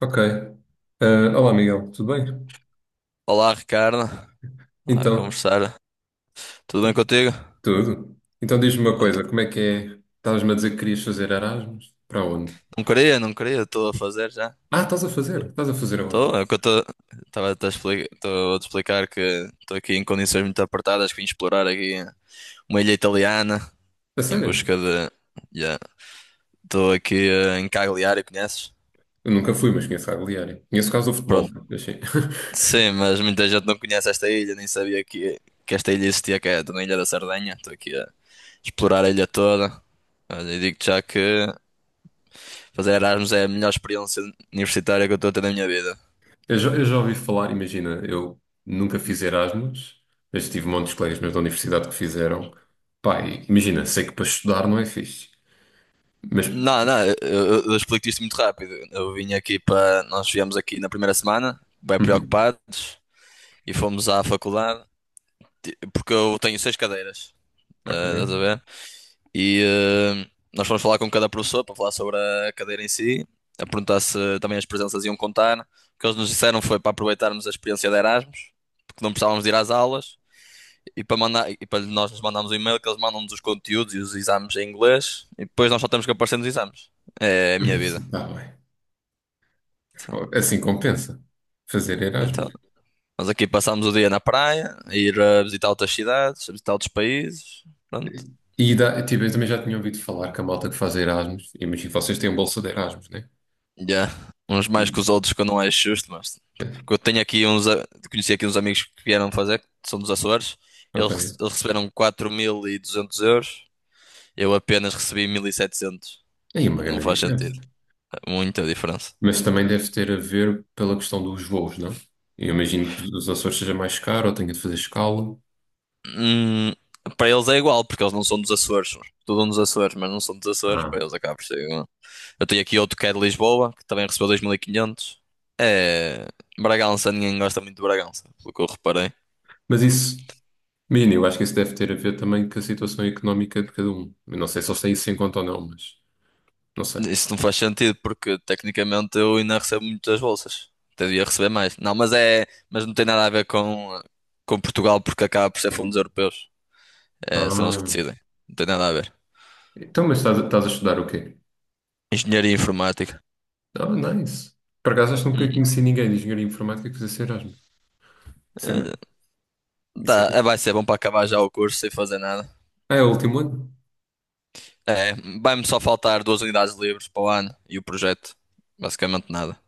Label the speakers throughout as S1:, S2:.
S1: Ok. Ah, olá, Miguel, tudo bem?
S2: Olá, Ricardo. Olá,
S1: Então,
S2: conversar. Tudo
S1: t-
S2: bem contigo?
S1: tudo. Então diz-me uma coisa,
S2: Pronto,
S1: como é que é? Estavas-me a dizer que querias fazer Erasmus? Para onde?
S2: não queria, não queria, estou a fazer já.
S1: Ah, estás a fazer? Estás a fazer aonde?
S2: Estou, é o que eu estou. Estava a te explicar, estou a te explicar que estou aqui em condições muito apertadas, que vim explorar aqui uma ilha italiana
S1: A
S2: em
S1: sério?
S2: busca de. Yeah. Estou aqui em Cagliari, conheces?
S1: Eu nunca fui, mas conheço a Agliária. Conheço o caso do futebol,
S2: Pronto,
S1: achei.
S2: sim, mas muita gente não conhece esta ilha, nem sabia que esta ilha existia, que é na Ilha da Sardenha. Estou aqui a explorar a ilha toda. Olha, e digo-te já que fazer Erasmus é a melhor experiência universitária que eu estou a ter na minha vida.
S1: Eu já ouvi falar, imagina, eu nunca fiz Erasmus, mas tive montes de colegas meus da universidade que fizeram. Pá, e imagina, sei que para estudar não é fixe, mas.
S2: Não, não, eu explico-te isto muito rápido. Eu vim aqui para. Nós viemos aqui na primeira semana, bem
S1: Uhum,
S2: preocupados, e fomos à faculdade, porque eu tenho seis cadeiras,
S1: ok.
S2: estás a ver? E eh, nós fomos falar com cada professor para falar sobre a cadeira em si, a perguntar se também as presenças iam contar. O que eles nos disseram foi para aproveitarmos a experiência de Erasmus, porque não precisávamos de ir às aulas e para nós lhes mandarmos o e-mail que eles mandam-nos os conteúdos e os exames em inglês e depois nós só temos que aparecer nos exames. É a minha
S1: Isso,
S2: vida.
S1: está bem.
S2: Então,
S1: Assim compensa fazer
S2: então,
S1: Erasmus.
S2: nós aqui passamos o dia na praia, a ir a visitar outras cidades, a visitar outros países. Pronto.
S1: E dá, tipo, eu também já tinha ouvido falar que a malta que faz Erasmus, imagino que vocês têm um bolsa de Erasmus, né?
S2: Yeah. Uns mais que
S1: Sim.
S2: os outros que eu não acho justo, mas
S1: Pois,
S2: porque eu tenho aqui uns, conheci aqui uns amigos que vieram fazer, que são dos Açores.
S1: ok.
S2: Eles receberam 4.200 euros. Eu apenas recebi 1.700.
S1: Aí é uma
S2: Não
S1: grande
S2: faz
S1: diferença.
S2: sentido. É muita diferença.
S1: Mas também deve ter a ver pela questão dos voos, não? Eu imagino que os Açores seja mais caro ou tenha de fazer escala.
S2: Hum, para eles é igual, porque eles não são dos Açores. Estudam nos Açores, mas não são dos Açores. Para
S1: Ah.
S2: eles acaba por ser igual. Eu tenho aqui outro que é de Lisboa, que também recebeu 2.500. É... Bragança, ninguém gosta muito de Bragança, pelo que eu reparei.
S1: Mas isso, menino, eu acho que isso deve ter a ver também com a situação económica de cada um. Eu não sei se eles têm isso em conta ou não, mas não sei.
S2: Isso não faz sentido, porque tecnicamente eu ainda recebo muitas bolsas. Até devia receber mais. Não, mas é... Mas não tem nada a ver com Portugal, porque acaba por ser fundos europeus. É, são eles que
S1: Ah.
S2: decidem. Não tem nada a ver.
S1: Então, mas estás a estudar o quê?
S2: Engenharia informática.
S1: Ah, nice. Por acaso acho que nunca
S2: Uhum.
S1: conheci ninguém de engenharia informática que fizesse Erasmus.
S2: Eh,
S1: Isso é.
S2: Tá, vai ser bom para acabar já o curso sem fazer nada.
S1: Ah, é o último ano?
S2: É, vai-me só faltar duas unidades livres para o ano e o projeto. Basicamente nada.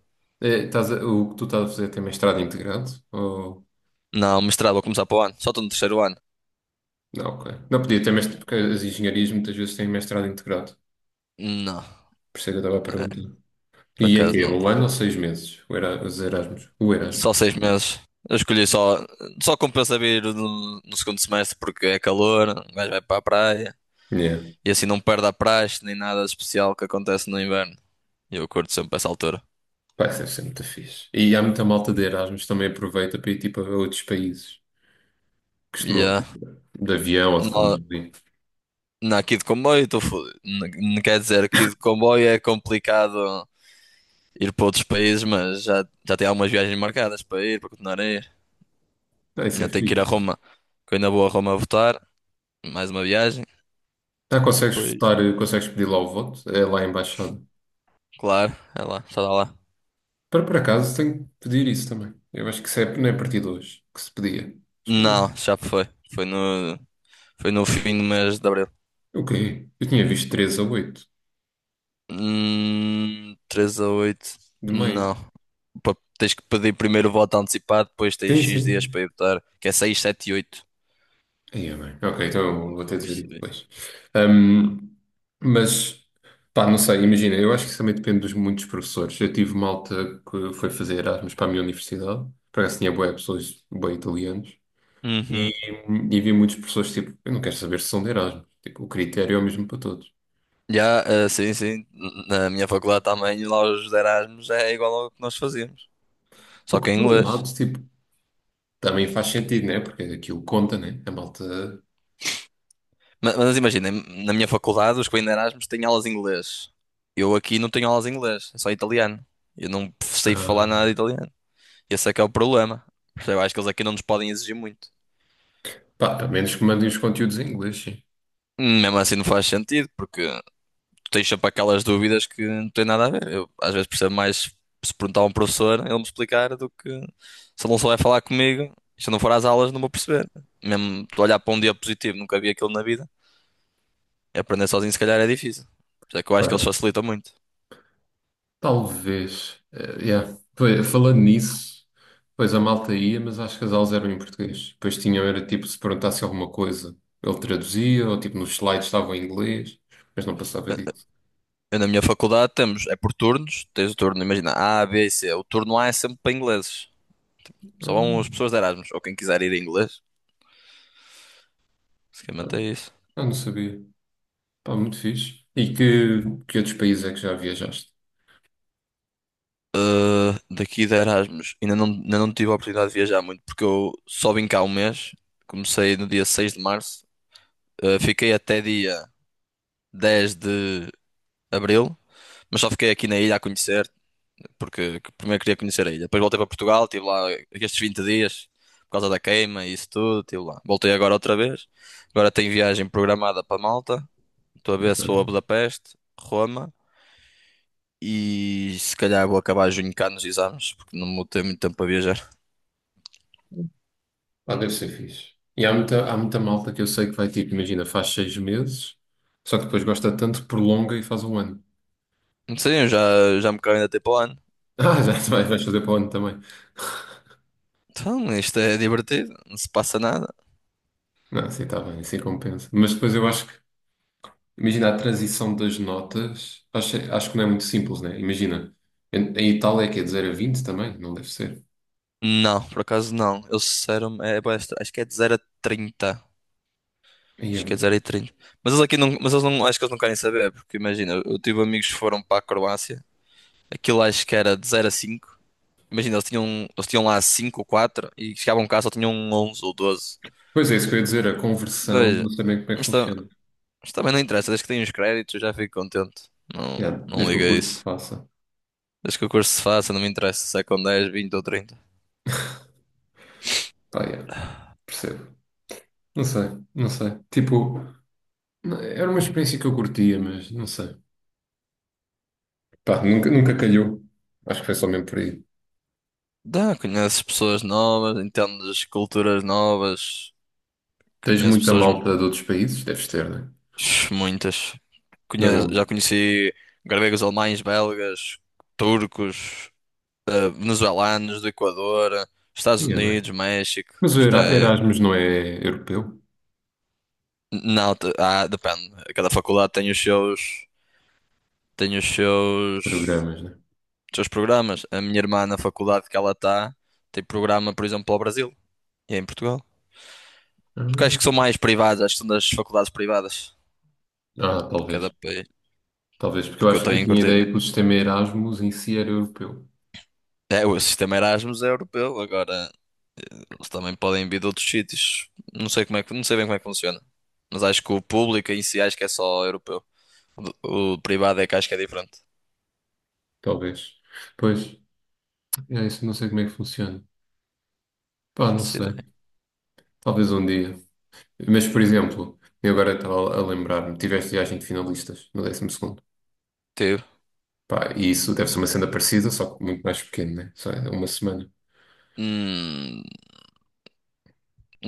S1: É, o que tu estás a fazer tem mestrado integrado? Ou.
S2: Não, mestrado vou começar para o ano. Só estou no terceiro ano.
S1: Não, ok. Não podia ter mestrado, porque as engenharias muitas vezes têm mestrado integrado.
S2: Não,
S1: Por isso é que eu estava a
S2: é,
S1: perguntar.
S2: por
S1: E é
S2: acaso
S1: que é
S2: não
S1: um ano
S2: tenho.
S1: ou 6 meses? Os Erasmus. O Erasmus.
S2: Só 6 meses. Eu escolhi só. Só compensa vir no segundo semestre porque é calor, o gajo vai para a praia
S1: Yeah.
S2: e assim não perde a praxe nem nada de especial que acontece no inverno. E eu curto sempre essa altura.
S1: Vai deve ser muito fixe. E há muita malta de Erasmus também aproveita para ir tipo a outros países. Costumam
S2: Yeah.
S1: de avião ou de
S2: No,
S1: comboio.
S2: na, aqui de comboio estou fodido. Quer dizer, aqui de comboio é complicado ir para outros países, mas já tenho algumas viagens marcadas para ir, para continuar a ir.
S1: Ah, isso é
S2: Ainda tenho que ir a
S1: fixe.
S2: Roma, que eu ainda vou a Roma votar. Mais uma viagem.
S1: Ah, consegues
S2: Depois,
S1: votar, consegues pedir lá o voto? É lá a embaixada.
S2: claro, é lá, está lá.
S1: Para por acaso tenho que pedir isso também. Eu acho que isso é, não é a partir de hoje que se pedia. Acho que era
S2: Não, já foi. Foi no, foi no fim do mês de abril.
S1: o quê? Eu tinha visto 13 a oito
S2: 3 a oito.
S1: de
S2: Não.
S1: maio.
S2: Tens que pedir primeiro o voto antecipado, depois tens
S1: Sim,
S2: X dias
S1: sim.
S2: para ir votar, que é 6, 7 e 8.
S1: Aí é bem. Ok, então eu
S2: Pelo
S1: vou
S2: que eu
S1: ter de ver isso
S2: percebi.
S1: depois. Ahm, mas, pá, não sei, imagina, eu acho que isso também depende dos muitos professores. Eu tive malta que foi fazer Erasmus para a minha universidade, para acaso tinha boas pessoas, boas italianos,
S2: Uhum.
S1: e, e vi muitos professores tipo, eu não quero saber se são de Erasmus. Tipo, o critério é o mesmo para todos.
S2: Já, sim, sim. Na minha faculdade também, lá os Erasmus é igual ao que nós fazíamos.
S1: O
S2: Só
S1: que,
S2: que em
S1: por um lado,
S2: inglês.
S1: tipo, também faz sentido, né? Porque aquilo conta, né? A malta.
S2: Mas imaginem, na minha faculdade, os que vêm de Erasmus têm aulas em inglês. Eu aqui não tenho aulas em inglês, é só italiano. Eu não sei
S1: Ah,
S2: falar nada de italiano. Esse é que é o problema. Eu acho que eles aqui não nos podem exigir muito.
S1: pá, a menos que mandem os conteúdos em inglês, sim.
S2: Mesmo assim não faz sentido, porque tu tens sempre aquelas dúvidas que não têm nada a ver. Eu às vezes percebo mais se perguntar a um professor, ele me explicar, do que se ele não souber falar comigo, se eu não for às aulas não vou perceber. Mesmo tu olhar para um diapositivo, nunca vi aquilo na vida. Aprender sozinho se calhar é difícil. Por isso é que eu acho que eles
S1: Ora,
S2: facilitam muito.
S1: talvez. Yeah. Pois, falando nisso, pois a malta ia, mas acho que as aulas eram em português. Depois tinham, era tipo, se perguntasse alguma coisa, ele traduzia, ou tipo, nos slides estavam em inglês, mas não passava disso.
S2: Eu, na minha faculdade temos, é por turnos, tens o turno, imagina, A, B e C. O turno A é sempre para ingleses. Só
S1: Ah,
S2: vão as pessoas de Erasmus, ou quem quiser ir em inglês. Basicamente é isso.
S1: ah, não sabia. Pá, muito fixe. E que outros países é que já viajaste?
S2: Daqui de Erasmus, ainda não, tive a oportunidade de viajar muito, porque eu só vim cá um mês. Comecei no dia 6 de março. Fiquei até dia 10 de abril, mas só fiquei aqui na ilha a conhecer, porque primeiro queria conhecer a ilha. Depois voltei para Portugal, estive lá estes 20 dias por causa da queima e isso tudo, estive lá. Voltei agora outra vez. Agora tenho viagem programada para Malta. Estou a ver se vou a Budapeste, Roma e se calhar vou acabar junho cá nos exames, porque não vou ter muito tempo para viajar.
S1: Pá, deve ser fixe. E há muita malta que eu sei que vai tipo, imagina, faz 6 meses, só que depois gosta tanto que prolonga e faz um ano.
S2: Não sei, eu já me caio ainda tempo ano.
S1: Ah, já te
S2: Agora,
S1: vais fazer para o ano também.
S2: então, isto é divertido, não se passa nada.
S1: Não, assim está bem, assim compensa. Mas depois eu acho que, imagina, a transição das notas, acho que não é muito simples, né? Imagina, em Itália é que é de 0 a 20 também? Não deve ser.
S2: Não, por acaso não. Eu disseram, acho que é de 0 a 30.
S1: Aí é
S2: Acho que é
S1: bem.
S2: 0,30. Mas eles aqui não, mas eles não, acho que eles não querem saber, porque imagina, eu tive amigos que foram para a Croácia, aquilo acho que era de 0 a 5. Imagina, eles tinham lá 5 ou 4 e chegavam cá só tinham 11 ou 12.
S1: Pois é, isso que eu ia dizer, a conversão,
S2: Mas,
S1: não sei bem como é que
S2: mas, ta-
S1: funciona.
S2: mas também não interessa, desde que tenho os créditos eu já fico contente. Não,
S1: Yeah,
S2: não
S1: desde que o
S2: liga a
S1: curso se
S2: isso.
S1: faça.
S2: Desde que o curso se faça, não me interessa se é com 10, 20 ou 30.
S1: Pá, yeah, percebo. Não sei, não sei. Tipo, não, era uma experiência que eu curtia, mas não sei. Pá, nunca, nunca calhou. Acho que foi só mesmo por aí.
S2: Dá, conheces pessoas novas, entendes culturas novas,
S1: Tens
S2: conheço
S1: muita
S2: pessoas.
S1: malta de outros países? Deves ter, né?
S2: Muitas.
S1: Da
S2: Já
S1: onde?
S2: conheci gregos, alemães, belgas, turcos, venezuelanos, do Equador, Estados
S1: Sim, é bem.
S2: Unidos, México.
S1: Mas o
S2: Isto é.
S1: Erasmus não é europeu?
S2: Não, ah, depende. Cada faculdade tem os seus, tem os seus,
S1: Programas, né?
S2: os seus programas. A minha irmã, na faculdade que ela está, tem programa, por exemplo, para o Brasil e é em Portugal. Porque acho que são
S1: Ah,
S2: mais privadas, acho que são das faculdades privadas
S1: ah,
S2: de cada
S1: talvez.
S2: país.
S1: Talvez, porque eu
S2: Porque eu
S1: acho
S2: tenho
S1: eu
S2: em
S1: tinha a
S2: curtir.
S1: ideia que o sistema Erasmus em si era europeu.
S2: É, o sistema Erasmus é europeu, agora. Eles também podem vir de outros sítios. Não sei como é que, não sei bem como é que funciona. Mas acho que o público em si acho que é só europeu. O privado é que acho que é diferente.
S1: Talvez. Pois, é isso, não sei como é que funciona. Pá, não
S2: Faço
S1: sei.
S2: ideia.
S1: Talvez um dia. Mas, por exemplo, eu agora estava a lembrar-me, tiveste viagem de finalistas no 12.º.
S2: Teve.
S1: Pá, e isso deve ser uma cena parecida, só que muito mais pequeno, né? Só é uma semana.
S2: Hum,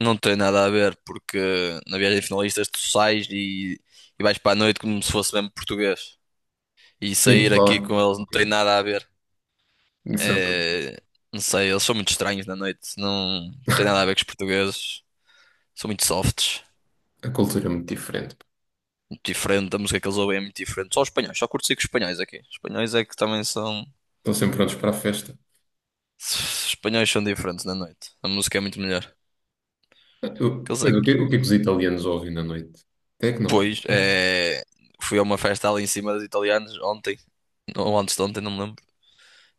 S2: não tem nada a ver porque na viagem de finalistas tu sais e vais para a noite como se fosse mesmo português. E
S1: Sim,
S2: sair aqui
S1: lá.
S2: com eles não tem
S1: É.
S2: nada a ver.
S1: Isso,
S2: É, não sei, eles são muito estranhos na noite. Não tem nada a ver com os portugueses. São muito softs.
S1: a cultura é muito diferente.
S2: Muito diferente, a música que eles ouvem é muito diferente. Só os espanhóis, só curto com espanhóis aqui. Os espanhóis é que também são.
S1: Estão sempre prontos para a festa.
S2: Os espanhóis são diferentes na noite. A música é muito melhor.
S1: Ah,
S2: Aqueles
S1: pois, o que,
S2: aqui.
S1: o que é que os italianos ouvem na noite? Tecno.
S2: Pois, é. Fui a uma festa ali em cima dos italianos ontem. Ou antes de ontem, não me lembro.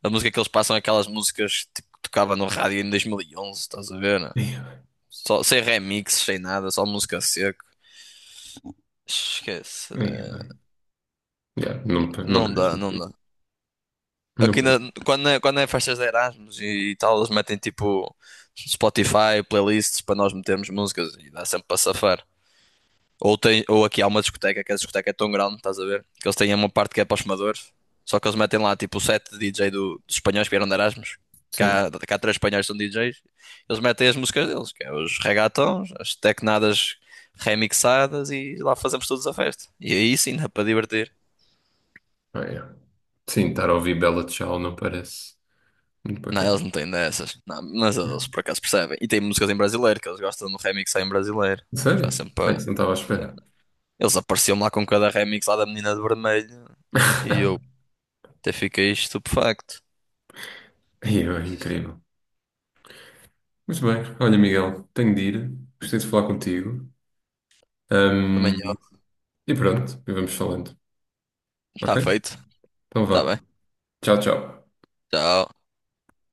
S2: A música que eles passam é aquelas músicas tipo, que tocava no rádio em 2011, estás a ver, né?
S1: Yeah,
S2: Só, sem remixes, sem nada, só música seco. Esquece.
S1: yeah, man. Yeah, não, não
S2: Não
S1: parece
S2: dá,
S1: muito
S2: não
S1: fixe.
S2: dá.
S1: Não
S2: Aqui
S1: parece.
S2: na- quando é festas de Erasmus e, tal, eles metem tipo Spotify, playlists para nós metermos músicas e dá sempre para safar. Ou aqui há uma discoteca, que é a discoteca é tão grande, estás a ver? Que eles têm uma parte que é para os fumadores, só que eles metem lá tipo o set de DJ dos espanhóis que vieram de Erasmus.
S1: Sim.
S2: Cá três espanhóis que são DJs, eles metem as músicas deles, que é os regatons, as tecnadas remixadas e lá fazemos todos a festa. E aí sim dá para divertir.
S1: Ah, yeah. Sim, estar a ouvir Bella Ciao não parece muito
S2: Não,
S1: bacana.
S2: eles não têm dessas. Não, mas eles por acaso percebem. E tem músicas em brasileiro, que eles gostam do remix só em brasileiro. Faz
S1: Sério?
S2: sempre
S1: Ah,
S2: para...
S1: isso não estava à espera.
S2: Eles apareciam lá com cada remix lá da menina de vermelho. E eu até fiquei estupefacto.
S1: Yeah, é incrível. Muito bem. Olha, Miguel, tenho de ir. Gostei de falar contigo.
S2: Também eu.
S1: E pronto, e vamos falando.
S2: Está
S1: Ok?
S2: feito.
S1: Então
S2: Está
S1: vá.
S2: bem.
S1: Tchau, tchau.
S2: Tchau.